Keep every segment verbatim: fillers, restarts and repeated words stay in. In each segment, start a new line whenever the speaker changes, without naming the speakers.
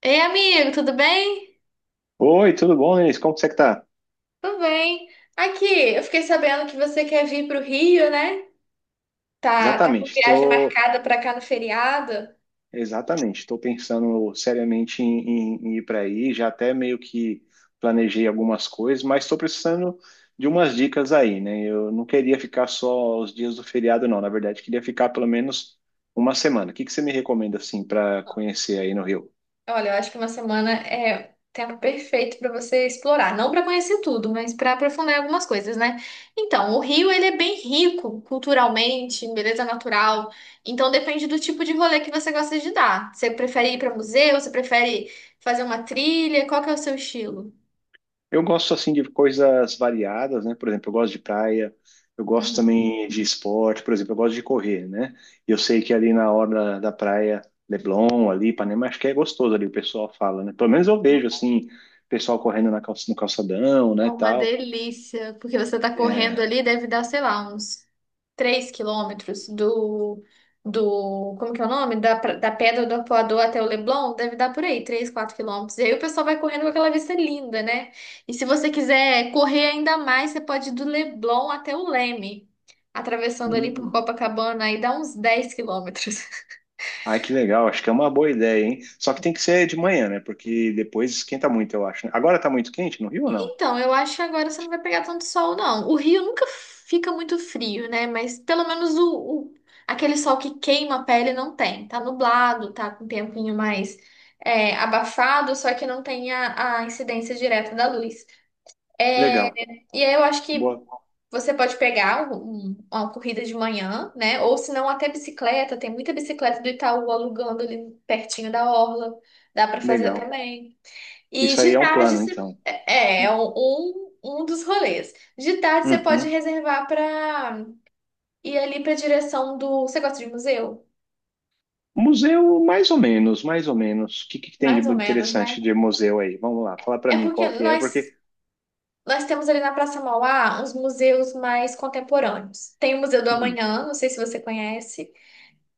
Ei, amigo, tudo bem?
Oi, tudo bom, Denise? Como que você está?
Tudo bem. Aqui, eu fiquei sabendo que você quer vir para o Rio, né? Tá, tá com
Exatamente,
viagem
estou
marcada para cá no feriado.
exatamente, Estou pensando seriamente em, em- em ir para aí, já até meio que planejei algumas coisas, mas estou precisando de umas dicas aí, né? Eu não queria ficar só os dias do feriado, não. Na verdade, queria ficar pelo menos uma semana. O que que você me recomenda assim para conhecer aí no Rio?
Olha, eu acho que uma semana é tempo perfeito para você explorar, não para conhecer tudo, mas para aprofundar algumas coisas, né? Então, o Rio ele é bem rico culturalmente, em beleza natural. Então, depende do tipo de rolê que você gosta de dar. Você prefere ir para museu? Você prefere fazer uma trilha? Qual que é o seu estilo?
Eu gosto assim de coisas variadas, né? Por exemplo, eu gosto de praia, eu gosto
Uhum.
também de esporte, por exemplo, eu gosto de correr, né? E Eu sei que ali na hora da praia, Leblon, ali, Ipanema, acho que é gostoso ali, o pessoal fala, né? Pelo menos eu vejo assim, pessoal correndo na calça- no calçadão,
É
né, e
uma
tal.
delícia, porque você tá
É.
correndo ali, deve dar, sei lá, uns três quilômetros do, do, como que é o nome? Da, pra- da Pedra do Apoador até o Leblon, deve dar por aí, três, quatro quilômetros. E aí o pessoal vai correndo com aquela vista linda, né? E se você quiser correr ainda mais, você pode ir do Leblon até o Leme, atravessando ali por
Hum.
Copacabana, aí dá uns dez quilômetros.
Ai, que legal, acho que é uma boa ideia, hein? Só que tem que ser de manhã, né? Porque depois esquenta muito, eu acho, né? Agora tá muito quente no Rio ou não?
Então, eu acho que agora você não vai pegar tanto sol, não. O Rio nunca fica muito frio, né? Mas pelo menos o, o- aquele sol que queima a pele não tem. Tá nublado, tá com um tempinho mais é, abafado, só que não tem a, a incidência direta da luz. É,
Legal.
e aí eu acho que
Boa,
você pode pegar um- uma corrida de manhã, né? Ou se não, até bicicleta. Tem muita bicicleta do Itaú alugando ali pertinho da orla. Dá pra fazer
legal.
também. E
Isso aí
de
é um
tarde
plano,
você-
então.
é, é é um, um um dos rolês. De tarde você pode
Uhum.
reservar para ir ali para a direção do. Você gosta de museu?
Museu, mais ou menos, mais ou menos. O que, que tem de
Mais ou menos,
interessante
né?
de museu aí? Vamos lá, fala pra
É
mim
porque
qual que é,
nós
porque
nós temos ali na Praça Mauá uns museus mais contemporâneos. Tem o Museu do
hum,
Amanhã, não sei se você conhece.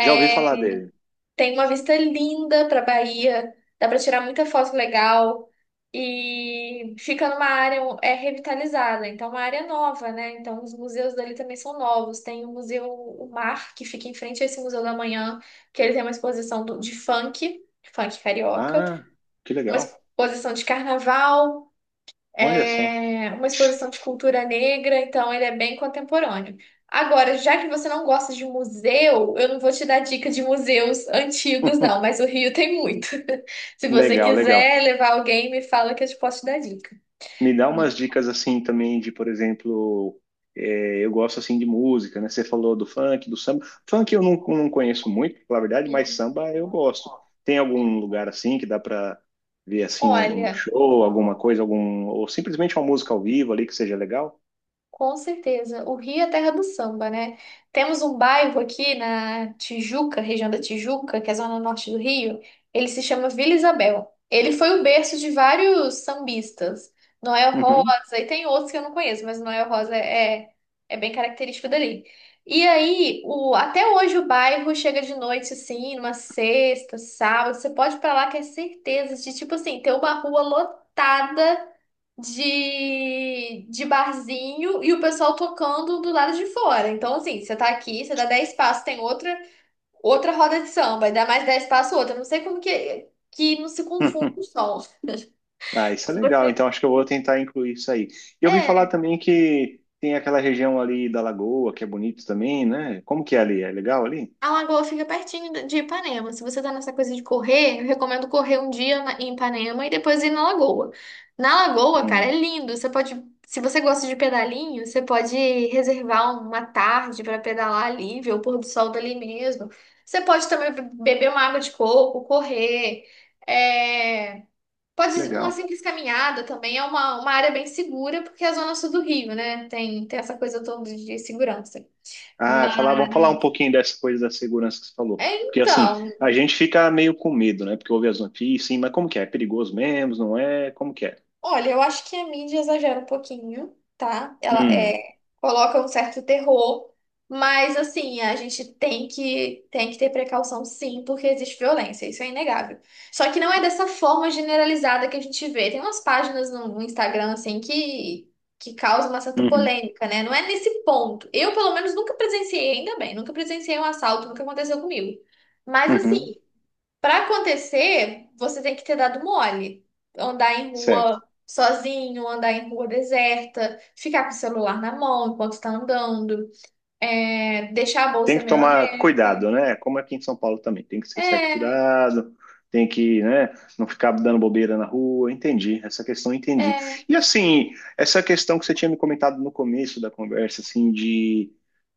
já ouvi falar dele.
Tem uma vista linda para Bahia, dá para tirar muita foto legal e fica numa área um, é revitalizada, então é uma área nova, né? Então os museus dali também são novos. Tem o Museu O Mar, que fica em frente a esse Museu da Manhã, que ele tem uma exposição do- de funk, funk carioca,
Ah, que
uma
legal.
exposição de carnaval
Olha só.
é, uma exposição de cultura negra, então ele é bem contemporâneo. Agora, já que você não gosta de museu, eu não vou te dar dica de museus antigos, não, mas o Rio tem muito. Se você
Legal, legal.
quiser levar alguém, me fala que eu te posso te dar dica.
Me dá umas dicas assim também de, por exemplo, é, eu gosto assim de música, né? Você falou do funk, do samba. Funk eu não, não conheço muito, pra falar a verdade, mas
Hum.
samba eu gosto. Tem algum lugar assim que dá pra ver assim um, um
Olha.
show, alguma coisa, algum ou simplesmente uma música ao vivo ali que seja legal?
Com certeza. O Rio é a terra do samba, né? Temos um bairro aqui na Tijuca, região da Tijuca, que é a zona norte do Rio. Ele se chama Vila Isabel. Ele foi o berço de vários sambistas. Noel
Uhum.
Rosa, e tem outros que eu não conheço, mas Noel Rosa é, é bem característico dali. E aí, o, até hoje o bairro chega de noite, assim, numa sexta, sábado. Você pode ir pra lá que é certeza de, tipo assim, ter uma rua lotada de, de barzinho e o pessoal tocando do lado de fora. Então, assim, você tá aqui, você dá dez passos, tem outra outra roda de samba, e dá mais dez passos outra. Não sei como que, que não se confunde o som.
Ah, isso é
Se
legal.
Você...
Então acho que eu vou tentar incluir isso aí. E eu ouvi falar
É.
também que tem aquela região ali da Lagoa, que é bonito também, né? Como que é ali? É legal ali?
A lagoa fica pertinho de Ipanema. Se você tá nessa coisa de correr, eu recomendo correr um dia na- em Ipanema e depois ir na lagoa. Na lagoa, cara, é
Hum,
lindo. Você pode, se você gosta de pedalinho, você pode reservar uma tarde pra pedalar ali, ver o pôr do sol dali mesmo. Você pode também beber uma água de coco, correr. É, pode
que
uma
legal.
simples caminhada também. É uma, uma área bem segura, porque é a zona sul do Rio, né? Tem, tem essa coisa toda de segurança.
Ah, falar,
Mas,
vamos falar um pouquinho dessa coisa da segurança que você falou. Porque assim,
então.
a gente fica meio com medo, né? Porque ouve as notícias, sim, mas como que é? É perigoso mesmo, não é? Como que é?
Olha, eu acho que a mídia exagera um pouquinho, tá? Ela
Hum,
é, coloca um certo terror, mas assim, a gente tem que, tem que ter precaução sim, porque existe violência, isso é inegável. Só que não é dessa forma generalizada que a gente vê. Tem umas páginas no, no Instagram assim que, que causam uma certa
uhum,
polêmica, né? Não é nesse ponto. Eu, pelo menos, nunca presenciei, ainda bem, nunca presenciei um assalto, nunca aconteceu comigo. Mas
uhum,
assim. Para acontecer, você tem que ter dado mole. Andar em
certo.
rua sozinho, andar em rua deserta, ficar com o celular na mão enquanto está andando, é, deixar a
Tem
bolsa
que
meio
tomar
aberta.
cuidado, né? Como aqui em São Paulo também, tem que ser certo
É,
cuidado, tem que, né, não ficar dando bobeira na rua. Entendi, essa questão eu entendi.
é.
E assim, essa questão que você tinha me comentado no começo da conversa, assim, de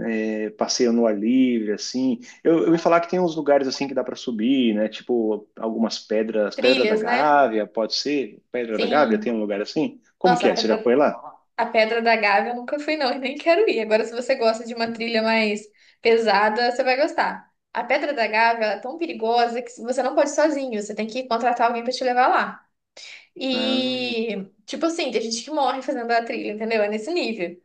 é, passeio no ar livre, assim, eu, eu ouvi falar que tem uns lugares assim que dá para subir, né? Tipo algumas pedras, Pedra da
Trilhas, né?
Gávea, pode ser? Pedra da Gávea
Sim.
tem um lugar assim? Como
Nossa,
que
a
é? Você já
Pedra,
foi lá?
a Pedra da Gávea eu nunca fui, não, e nem quero ir. Agora, se você gosta de uma trilha mais pesada, você vai gostar. A Pedra da Gávea ela é tão perigosa que você não pode ir sozinho, você tem que contratar alguém para te levar lá.
Ah,
E, tipo assim, tem gente que morre fazendo a trilha, entendeu? É nesse nível.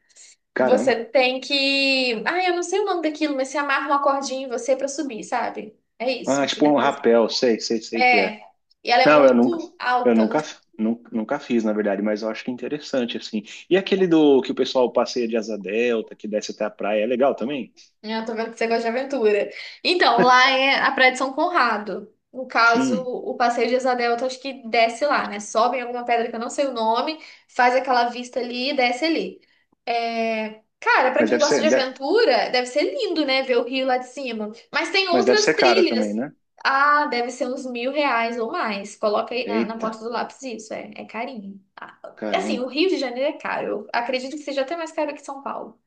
caramba.
Você tem que. Ah, eu não sei o nome daquilo, mas você amarra uma cordinha em você pra subir, sabe? É
Ah,
isso que você
tipo
tem
um
que fazer.
rapel, sei, sei, sei que é.
É. E ela é
Não, eu nunca,
muito
eu
alta.
nunca, nunca, nunca fiz, na verdade, mas eu acho que é interessante, assim. E aquele do que o pessoal passeia de asa delta, que desce até a praia, é legal também?
Eu tô vendo que você gosta de aventura. Então, lá é a Praia de São Conrado. No caso,
Hum,
o Passeio de Asa Delta, acho que desce lá, né? Sobe em alguma pedra que eu não sei o nome, faz aquela vista ali e desce ali. É, cara, pra
mas
quem
deve
gosta de
ser, de-
aventura, deve ser lindo, né? Ver o rio lá de cima. Mas tem
mas deve
outras
ser cara
trilhas.
também, né?
Ah, deve ser uns mil reais ou mais. Coloca aí na, na
Eita,
ponta do lápis isso, é, é carinho. Ah, assim, o
caramba,
Rio de Janeiro é caro. Eu acredito que seja até mais caro que São Paulo.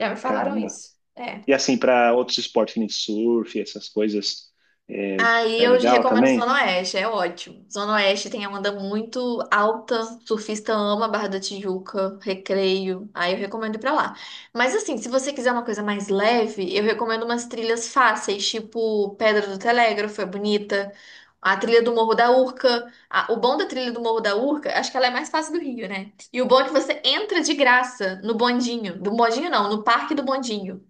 Já me falaram
caramba.
isso. É.
E assim, para outros esportes, que nem surf, essas coisas, é,
Aí
é
eu
legal
recomendo
também?
Zona Oeste, é ótimo. Zona Oeste tem a onda muito alta, surfista ama Barra da Tijuca, Recreio, aí eu recomendo ir pra lá. Mas assim, se você quiser uma coisa mais leve, eu recomendo umas trilhas fáceis, tipo Pedra do Telégrafo, é bonita, a trilha do Morro da Urca. A- o bom da trilha do Morro da Urca, acho que ela é mais fácil do Rio, né? E o bom é que você entra de graça no bondinho, do bondinho não, no Parque do Bondinho.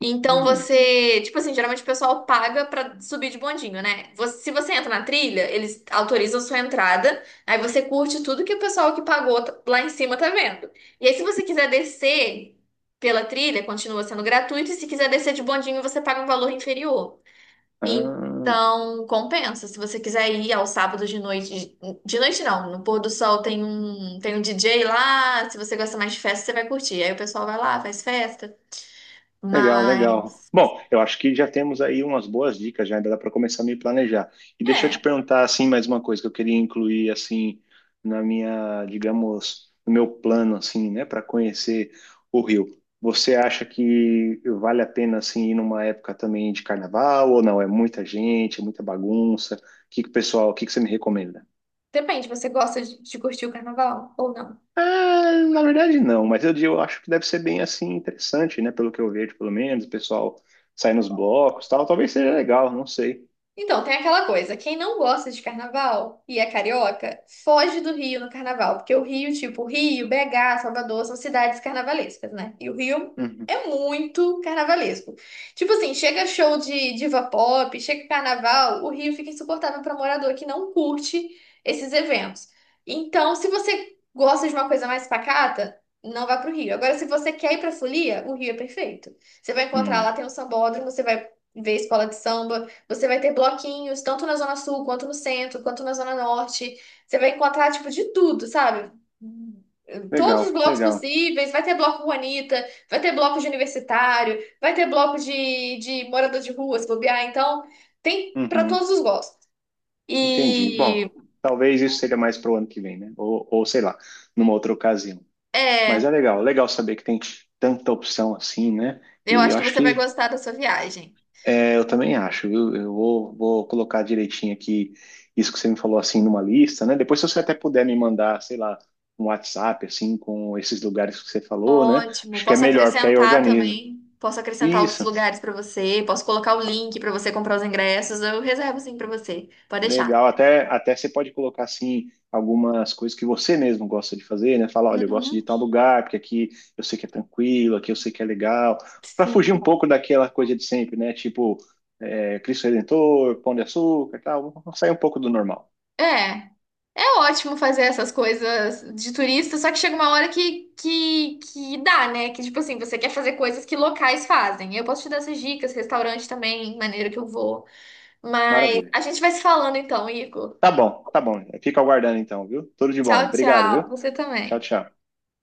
Então
Hum,
você, tipo assim, geralmente o pessoal paga pra subir de bondinho, né? Você- se você entra na trilha, eles autorizam sua entrada, aí você curte tudo que o pessoal que pagou t- lá em cima tá vendo. E aí, se você quiser descer pela trilha, continua sendo gratuito, e se quiser descer de bondinho, você paga um valor inferior.
ah,
Então, compensa. Se você quiser ir ao sábado de noite, de noite não, no pôr do sol tem um, tem um D J lá, se você gosta mais de festa, você vai curtir. Aí o pessoal vai lá, faz festa.
legal,
Mas.
legal. Bom, eu acho que já temos aí umas boas dicas, já ainda dá para começar a me planejar. E deixa eu te
É,
perguntar assim mais uma coisa que eu queria incluir assim na minha, digamos, no meu plano assim, né, para conhecer o Rio. Você acha que vale a pena assim ir numa época também de carnaval ou não? É muita gente, é muita bagunça. O que que o pessoal, o que que você me recomenda?
depende, você gosta de, de curtir o carnaval ou não?
Ah, na verdade não, mas eu, eu acho que deve ser bem assim interessante, né? Pelo que eu vejo, pelo menos, o pessoal sai nos blocos, tal, talvez seja legal, não sei.
Então, tem aquela coisa, quem não gosta de carnaval e é carioca, foge do Rio no carnaval, porque o Rio, tipo, Rio, B H, Salvador, são cidades carnavalescas, né? E o Rio
Uhum,
é muito carnavalesco. Tipo assim, chega show de diva pop, chega carnaval, o Rio fica insuportável para morador que não curte esses eventos. Então, se você gosta de uma coisa mais pacata, não vá pro Rio. Agora, se você quer ir pra folia, o Rio é perfeito. Você vai encontrar lá,
uhum.
tem um sambódromo, você vai ver escola de samba, você vai ter bloquinhos, tanto na Zona Sul, quanto no centro, quanto na Zona Norte. Você vai encontrar, tipo, de tudo, sabe? Todos os
Legal,
blocos
legal.
possíveis. Vai ter bloco Juanita, vai ter bloco de universitário, vai ter bloco de, de morador de rua, se bobear. Então, tem para
Uhum,
todos os gostos.
entendi.
E
Bom, talvez isso seja mais pro ano que vem, né? Ou, ou sei lá, numa outra ocasião. Mas é
é,
legal, legal saber que tem tanta opção assim, né?
eu
E
acho
eu
que
acho
você vai
que
gostar da sua viagem.
É, eu também acho, viu? Eu vou, vou colocar direitinho aqui isso que você me falou assim numa lista, né? Depois, se você até puder me mandar, sei lá, um WhatsApp assim com esses lugares que você falou, né?
Ótimo.
Acho que é
Posso
melhor, porque aí eu
acrescentar
organizo.
também. Posso acrescentar outros
Isso,
lugares para você. Posso colocar o link para você comprar os ingressos. Eu reservo sim para você. Pode deixar.
legal. Até, até você pode colocar assim algumas coisas que você mesmo gosta de fazer, né? Falar, olha, eu gosto de
Uhum,
tal lugar, porque aqui eu sei que é tranquilo, aqui eu sei que é legal, para fugir
sim.
um pouco daquela coisa de sempre, né? Tipo, é, Cristo Redentor, Pão de Açúcar, e tal, vamos sair um pouco do normal.
É, é ótimo fazer essas coisas de turista, só que chega uma hora que, que, que dá, né? Que, tipo assim, você quer fazer coisas que locais fazem. Eu posso te dar essas dicas, restaurante também, maneira que eu vou. Mas
Maravilha.
a gente vai se falando então, Igor.
Tá bom, tá bom. Fica aguardando então, viu? Tudo de bom.
Tchau,
Obrigado,
tchau.
viu?
Você
Tchau,
também.
tchau.